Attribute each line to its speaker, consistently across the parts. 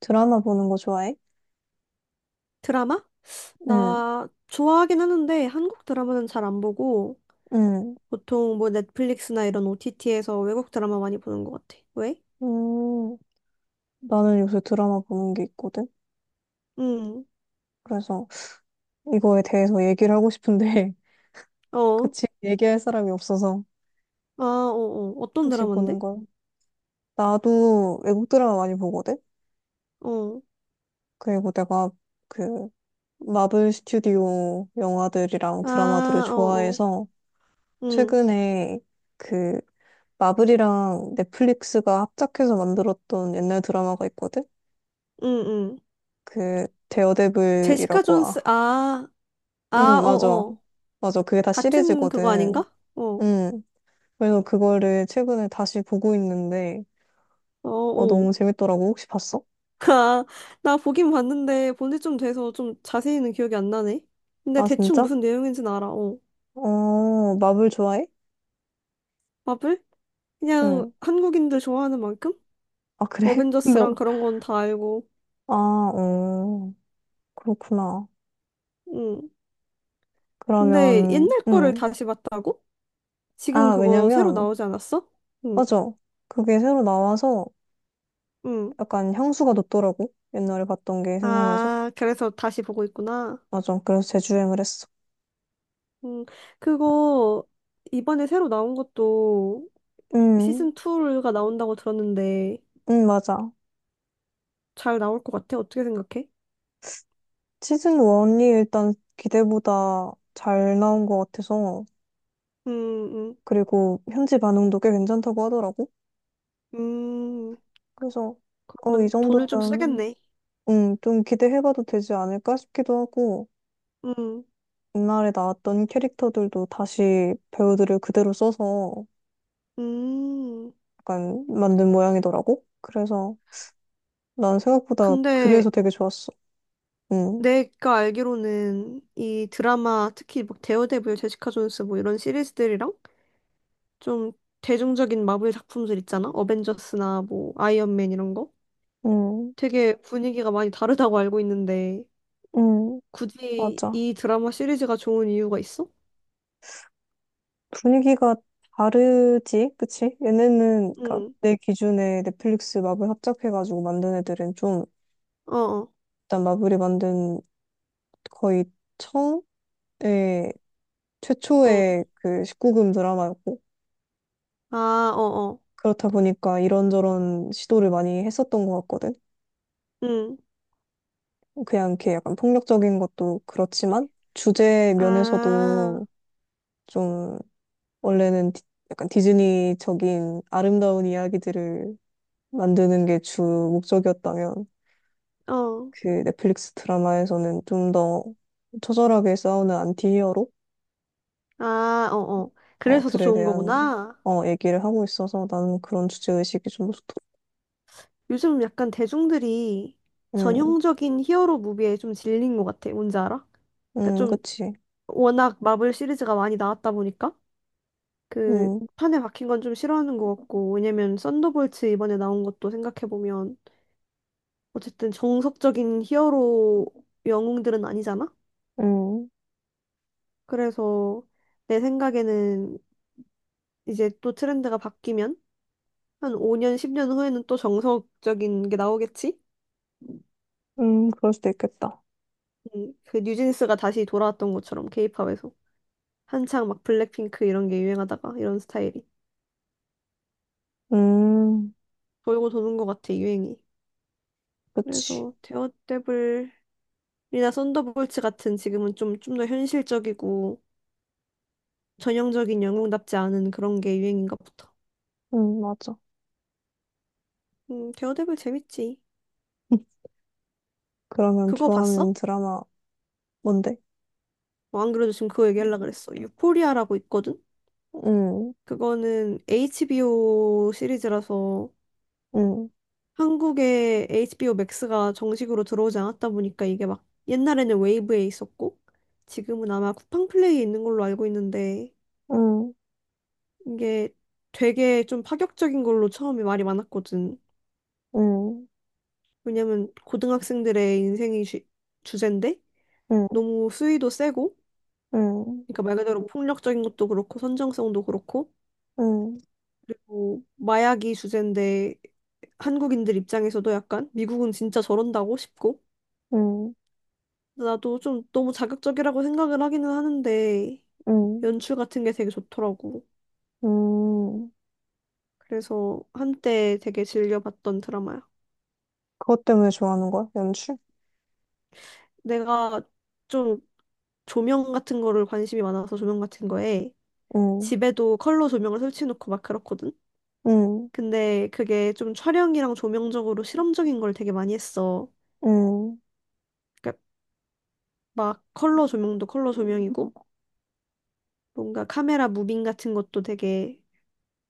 Speaker 1: 드라마 보는 거 좋아해?
Speaker 2: 드라마?
Speaker 1: 응,
Speaker 2: 나 좋아하긴 하는데 한국 드라마는 잘 안 보고
Speaker 1: 응.
Speaker 2: 보통 뭐 넷플릭스나 이런 OTT에서 외국 드라마 많이 보는 것 같아. 왜?
Speaker 1: 음, 나는 요새 드라마 보는 게 있거든?
Speaker 2: 응.
Speaker 1: 그래서 이거에 대해서 얘기를 하고 싶은데
Speaker 2: 어.
Speaker 1: 같이 얘기할 사람이 없어서
Speaker 2: 아, 어, 어. 어떤
Speaker 1: 혹시
Speaker 2: 드라마인데?
Speaker 1: 보는 거, 나도 외국 드라마 많이 보거든?
Speaker 2: 어.
Speaker 1: 그리고 내가 그 마블 스튜디오 영화들이랑 드라마들을
Speaker 2: 아, 어, 어.
Speaker 1: 좋아해서
Speaker 2: 응.
Speaker 1: 최근에 그 마블이랑 넷플릭스가 합작해서 만들었던 옛날 드라마가 있거든?
Speaker 2: 응, 응.
Speaker 1: 그
Speaker 2: 제시카
Speaker 1: 데어데블이라고.
Speaker 2: 존스.
Speaker 1: 아,
Speaker 2: 아, 아,
Speaker 1: 응,
Speaker 2: 어,
Speaker 1: 맞아.
Speaker 2: 어.
Speaker 1: 맞아. 그게 다
Speaker 2: 같은 그거
Speaker 1: 시리즈거든.
Speaker 2: 아닌가? 어.
Speaker 1: 응. 그래서 그거를 최근에 다시 보고 있는데,
Speaker 2: 어, 어.
Speaker 1: 너무 재밌더라고. 혹시 봤어?
Speaker 2: 아, 나 보긴 봤는데 본지 좀 돼서 좀 자세히는 기억이 안 나네. 근데
Speaker 1: 아,
Speaker 2: 대충
Speaker 1: 진짜?
Speaker 2: 무슨 내용인지는 알아. 어.
Speaker 1: 마블 좋아해?
Speaker 2: 마블? 그냥
Speaker 1: 응.
Speaker 2: 한국인들 좋아하는 만큼?
Speaker 1: 아, 그래? 근데,
Speaker 2: 어벤져스랑 그런 건 다 알고.
Speaker 1: 아, 그렇구나.
Speaker 2: 응. 근데
Speaker 1: 그러면,
Speaker 2: 옛날 거를
Speaker 1: 응.
Speaker 2: 다시 봤다고? 지금
Speaker 1: 아,
Speaker 2: 그거 새로
Speaker 1: 왜냐면,
Speaker 2: 나오지 않았어? 응.
Speaker 1: 맞아. 그게 새로 나와서
Speaker 2: 응.
Speaker 1: 약간 향수가 돋더라고. 옛날에 봤던 게 생각나서.
Speaker 2: 아, 그래서 다시 보고 있구나.
Speaker 1: 맞아. 그래서 재주행을 했어.
Speaker 2: 응. 그거 이번에 새로 나온 것도
Speaker 1: 응,
Speaker 2: 시즌 2가 나온다고 들었는데
Speaker 1: 응, 맞아.
Speaker 2: 잘 나올 것 같아? 어떻게 생각해?
Speaker 1: 시즌 1이 일단 기대보다 잘 나온 것 같아서,
Speaker 2: 음, 음,
Speaker 1: 그리고 현지 반응도 꽤 괜찮다고 하더라고.
Speaker 2: 음.
Speaker 1: 그래서, 이
Speaker 2: 그러면 돈을 좀
Speaker 1: 정도면,
Speaker 2: 쓰겠네.
Speaker 1: 좀 기대해봐도 되지 않을까 싶기도 하고,
Speaker 2: 음,
Speaker 1: 옛날에 나왔던 캐릭터들도 다시 배우들을 그대로 써서
Speaker 2: 음.
Speaker 1: 약간 만든 모양이더라고. 그래서 난 생각보다
Speaker 2: 근데
Speaker 1: 그래서 되게 좋았어. 음.
Speaker 2: 내가 알기로는 이 드라마 특히 막 데어데블, 제시카 존스 뭐 이런 시리즈들이랑 좀 대중적인 마블 작품들 있잖아. 어벤져스나 뭐 아이언맨 이런 거.
Speaker 1: 음.
Speaker 2: 되게 분위기가 많이 다르다고 알고 있는데
Speaker 1: 음,
Speaker 2: 굳이
Speaker 1: 맞아.
Speaker 2: 이 드라마 시리즈가 좋은 이유가 있어?
Speaker 1: 분위기가 다르지, 그치? 얘네는, 그니까,
Speaker 2: 응.
Speaker 1: 내 기준에 넷플릭스 마블 합작해가지고 만든 애들은 좀,
Speaker 2: 어, 어.
Speaker 1: 일단 마블이 만든 거의 처음에,
Speaker 2: 어.
Speaker 1: 최초의 그 19금 드라마였고,
Speaker 2: 아, 어, 어.
Speaker 1: 그렇다 보니까 이런저런 시도를 많이 했었던 것 같거든?
Speaker 2: 응.
Speaker 1: 그냥 이렇게 약간 폭력적인 것도 그렇지만, 주제
Speaker 2: 아,
Speaker 1: 면에서도 좀, 원래는 약간 디즈니적인 아름다운 이야기들을 만드는 게 주 목적이었다면,
Speaker 2: 어.
Speaker 1: 그 넷플릭스 드라마에서는 좀 더 처절하게 싸우는 안티히어로
Speaker 2: 아, 어, 어. 그래서 더
Speaker 1: 들에
Speaker 2: 좋은
Speaker 1: 대한
Speaker 2: 거구나.
Speaker 1: 얘기를 하고 있어서 나는 그런 주제의식이 좀 좋더라.
Speaker 2: 요즘 약간 대중들이
Speaker 1: 음.
Speaker 2: 전형적인 히어로 무비에 좀 질린 것 같아. 뭔지 알아? 그러니까
Speaker 1: 음.
Speaker 2: 좀
Speaker 1: 그치.
Speaker 2: 워낙 마블 시리즈가 많이 나왔다 보니까 그
Speaker 1: 음.
Speaker 2: 판에 박힌 건 좀 싫어하는 것 같고 왜냐면 썬더볼츠 이번에 나온 것도 생각해보면 어쨌든 정석적인 히어로 영웅들은 아니잖아?
Speaker 1: 음.
Speaker 2: 그래서 내 생각에는 이제 또 트렌드가 바뀌면 한 5년, 10년 후에는 또 정석적인 게 나오겠지?
Speaker 1: 그럴 수도 있겠다.
Speaker 2: 그 뉴진스가 다시 돌아왔던 것처럼 케이팝에서. 한창 막 블랙핑크 이런 게 유행하다가 이런 스타일이
Speaker 1: 음,
Speaker 2: 돌고 도는 것 같아 유행이.
Speaker 1: 그치.
Speaker 2: 그래서 데어데블이나 썬더볼츠 같은 지금은 좀 더 현실적이고 전형적인 영웅답지 않은 그런 게 유행인가 보다.
Speaker 1: 맞아.
Speaker 2: 데어데블 재밌지.
Speaker 1: 그러면
Speaker 2: 그거
Speaker 1: 좋아하는
Speaker 2: 봤어?
Speaker 1: 드라마 뭔데?
Speaker 2: 어, 안 그래도 지금 그거 얘기하려고 그랬어. 유포리아라고 있거든?
Speaker 1: 음.
Speaker 2: 그거는 HBO 시리즈라서
Speaker 1: 음.
Speaker 2: 한국에 HBO 맥스가 정식으로 들어오지 않았다 보니까 이게 막 옛날에는 웨이브에 있었고 지금은 아마 쿠팡 플레이에 있는 걸로 알고 있는데
Speaker 1: 음.
Speaker 2: 이게 되게 좀 파격적인 걸로 처음에 말이 많았거든.
Speaker 1: 음.
Speaker 2: 왜냐면 고등학생들의 인생이 주제인데
Speaker 1: 음.
Speaker 2: 너무 수위도 세고
Speaker 1: 음.
Speaker 2: 그러니까 말 그대로 폭력적인 것도 그렇고 선정성도 그렇고
Speaker 1: 음.
Speaker 2: 그리고 마약이 주제인데 한국인들 입장에서도 약간 미국은 진짜 저런다고 싶고
Speaker 1: 음.
Speaker 2: 나도 좀 너무 자극적이라고 생각을 하기는 하는데
Speaker 1: 음.
Speaker 2: 연출 같은 게 되게 좋더라고.
Speaker 1: 음.
Speaker 2: 그래서 한때 되게 즐겨봤던 드라마야.
Speaker 1: 그것 때문에 좋아하는 거야? 연출?
Speaker 2: 내가 좀 조명 같은 거를 관심이 많아서 조명 같은 거에
Speaker 1: 음.
Speaker 2: 집에도 컬러 조명을 설치해놓고 막 그렇거든.
Speaker 1: 음.
Speaker 2: 근데 그게 좀 촬영이랑 조명적으로 실험적인 걸 되게 많이 했어.
Speaker 1: 음.
Speaker 2: 그러니까 막 컬러 조명도 컬러 조명이고 뭔가 카메라 무빙 같은 것도 되게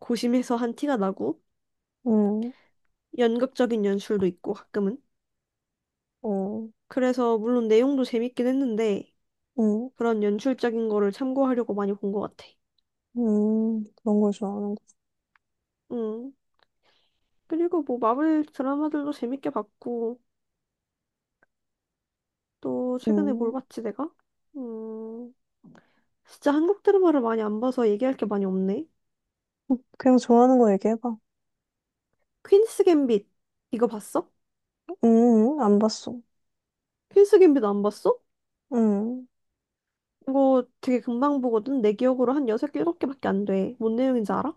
Speaker 2: 고심해서 한 티가 나고
Speaker 1: 음.
Speaker 2: 연극적인 연출도 있고 가끔은.
Speaker 1: 음.
Speaker 2: 그래서 물론 내용도 재밌긴 했는데
Speaker 1: 음,
Speaker 2: 그런 연출적인 거를 참고하려고 많이 본 것 같아.
Speaker 1: 그런 걸 좋아하는 거.
Speaker 2: 음. 그리고 뭐 마블 드라마들도 재밌게 봤고 또 최근에 뭘
Speaker 1: 음,
Speaker 2: 봤지 내가? 음. 진짜 한국 드라마를 많이 안 봐서 얘기할 게 많이 없네.
Speaker 1: 그냥 좋아하는 거 얘기해봐.
Speaker 2: 퀸스 갬빗 이거 봤어?
Speaker 1: 안 봤어.
Speaker 2: 퀸스 갬빗 안 봤어?
Speaker 1: 음,
Speaker 2: 이거 되게 금방 보거든. 내 기억으로 한 6, 7개밖에 안 돼. 뭔 내용인지 알아?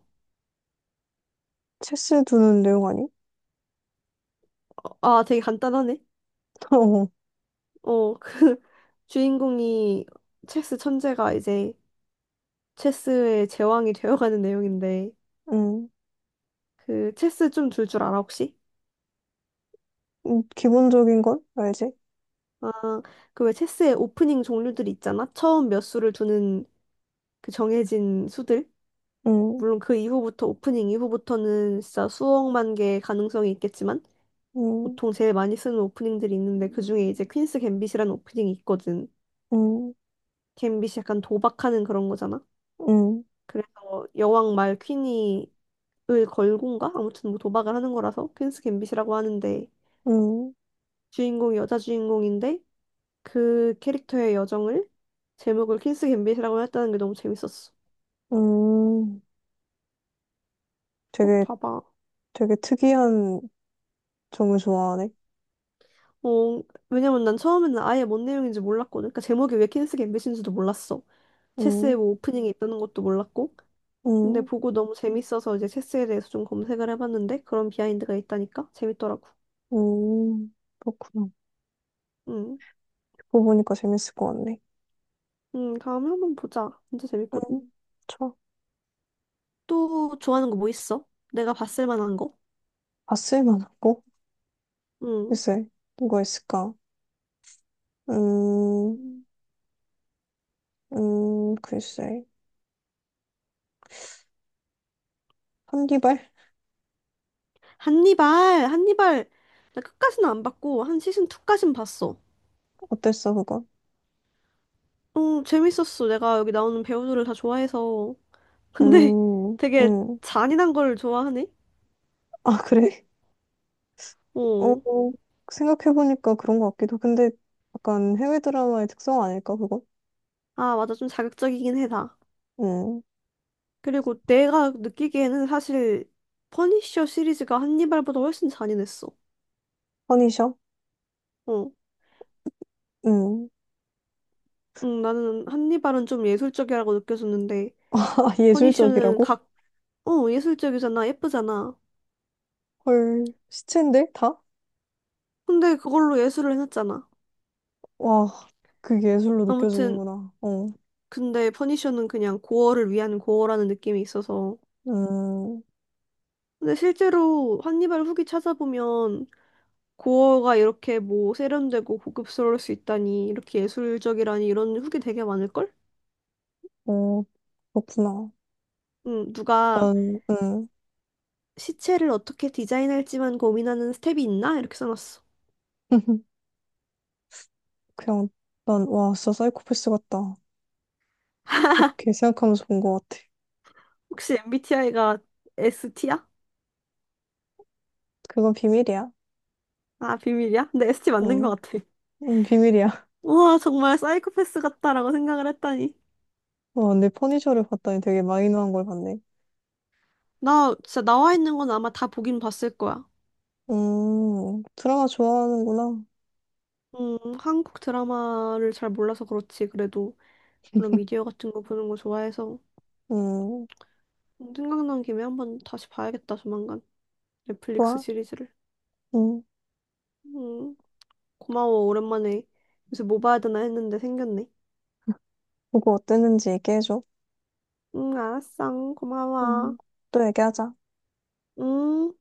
Speaker 1: 체스 두는 내용 아니?
Speaker 2: 어, 아, 되게 간단하네. 어, 그 주인공이 체스 천재가 이제 체스의 제왕이 되어가는 내용인데
Speaker 1: 어.
Speaker 2: 그 체스 좀 둘 줄 알아 혹시?
Speaker 1: 기본적인 건 알지?
Speaker 2: 아, 그 왜 체스의 오프닝 종류들 있잖아. 처음 몇 수를 두는 그 정해진 수들.
Speaker 1: 음.
Speaker 2: 물론 그 이후부터 오프닝 이후부터는 진짜 수억만 개의 가능성이 있겠지만
Speaker 1: 음.
Speaker 2: 보통 제일 많이 쓰는 오프닝들이 있는데 그중에 이제 퀸스 갬빗이라는 오프닝이 있거든.
Speaker 1: 음.
Speaker 2: 갬빗이 약간 도박하는 그런 거잖아.
Speaker 1: 음.
Speaker 2: 그래서 여왕 말 퀸이 을 걸곤가? 아무튼 뭐 도박을 하는 거라서 퀸스 갬빗이라고 하는데
Speaker 1: 음.
Speaker 2: 주인공이 여자 주인공인데 그 캐릭터의 여정을 제목을 퀸스 갬빗이라고 했다는 게 너무 재밌었어.
Speaker 1: 음,
Speaker 2: 꼭
Speaker 1: 되게,
Speaker 2: 봐봐.
Speaker 1: 되게 특이한 점을 좋아하네.
Speaker 2: 어, 왜냐면 난 처음에는 아예 뭔 내용인지 몰랐거든. 그러니까 제목이 왜 퀸스 갬빗인지도 몰랐어. 체스의
Speaker 1: 음.
Speaker 2: 뭐 오프닝이 있다는 것도 몰랐고. 근데
Speaker 1: 음.
Speaker 2: 보고 너무 재밌어서 이제 체스에 대해서 좀 검색을 해봤는데 그런 비하인드가 있다니까 재밌더라고.
Speaker 1: 그렇구나.
Speaker 2: 응,
Speaker 1: 듣고 보니까 재밌을 것 같네.
Speaker 2: 응, 다음에 한번 보자. 진짜 재밌거든.
Speaker 1: 음, 좋아.
Speaker 2: 또 좋아하는 거 뭐 있어? 내가 봤을 만한 거?
Speaker 1: 봤을 만하고.
Speaker 2: 응.
Speaker 1: 글쎄, 뭐가 있을까? 음. 글쎄. 한디발?
Speaker 2: 한니발, 한니발. 나 끝까지는 안 봤고, 한 시즌 2까진 봤어.
Speaker 1: 어땠어, 그거?
Speaker 2: 어, 재밌었어. 내가 여기 나오는 배우들을 다 좋아해서. 근데
Speaker 1: 음.
Speaker 2: 되게
Speaker 1: 음.
Speaker 2: 잔인한 걸 좋아하네?
Speaker 1: 아, 그래? 어,
Speaker 2: 어.
Speaker 1: 생각해보니까 그런 것 같기도. 근데 약간 해외 드라마의 특성 아닐까, 그거?
Speaker 2: 아, 맞아. 좀 자극적이긴 해, 다.
Speaker 1: 음,
Speaker 2: 그리고 내가 느끼기에는 사실 퍼니셔 시리즈가 한니발보다 훨씬 잔인했어.
Speaker 1: 퍼니셔?
Speaker 2: 어.
Speaker 1: 음.
Speaker 2: 응, 나는 한니발은 좀 예술적이라고 느껴졌는데,
Speaker 1: 아,
Speaker 2: 퍼니셔는
Speaker 1: 예술적이라고?
Speaker 2: 예술적이잖아. 예쁘잖아.
Speaker 1: 헐, 시체인데? 다?
Speaker 2: 근데 그걸로 예술을 해놨잖아.
Speaker 1: 와, 그게 예술로
Speaker 2: 아무튼.
Speaker 1: 느껴지는구나.
Speaker 2: 근데 퍼니셔는 그냥 고어를 위한 고어라는 느낌이 있어서.
Speaker 1: 음,
Speaker 2: 근데 실제로 한니발 후기 찾아보면 고어가 이렇게 뭐 세련되고 고급스러울 수 있다니, 이렇게 예술적이라니 이런 후기 되게 많을걸?
Speaker 1: 어, 그렇구나.
Speaker 2: 응, 누가
Speaker 1: 난.
Speaker 2: 시체를 어떻게 디자인할지만 고민하는 스텝이 있나? 이렇게 써놨어.
Speaker 1: 그냥, 난, 와, 진짜 사이코패스 같다. 그렇게 생각하면서 본 것 같아.
Speaker 2: 혹시 MBTI가 ST야?
Speaker 1: 그건 비밀이야.
Speaker 2: 아, 비밀이야? 근데 ST 맞는
Speaker 1: 응,
Speaker 2: 것 같아.
Speaker 1: 응, 비밀이야.
Speaker 2: 우와, 정말 사이코패스 같다라고 생각을 했다니.
Speaker 1: 와, 내 퍼니셔를 봤더니 되게 마이너한 걸 봤네.
Speaker 2: 나 진짜 나와 있는 건 아마 다 보긴 봤을 거야.
Speaker 1: 드라마 좋아하는구나.
Speaker 2: 한국 드라마를 잘 몰라서 그렇지. 그래도 그런 미디어 같은 거 보는 거 좋아해서
Speaker 1: 음,
Speaker 2: 생각난 김에 한번 다시 봐야겠다, 조만간. 넷플릭스
Speaker 1: 좋아.
Speaker 2: 시리즈를.
Speaker 1: 음,
Speaker 2: 음, 고마워. 오랜만에 요새 뭐 봐야 되나 했는데 생겼네.
Speaker 1: 보고 어땠는지 얘기해줘.
Speaker 2: 응, 알았어. 고마워.
Speaker 1: 음, 또 얘기하자.
Speaker 2: 응.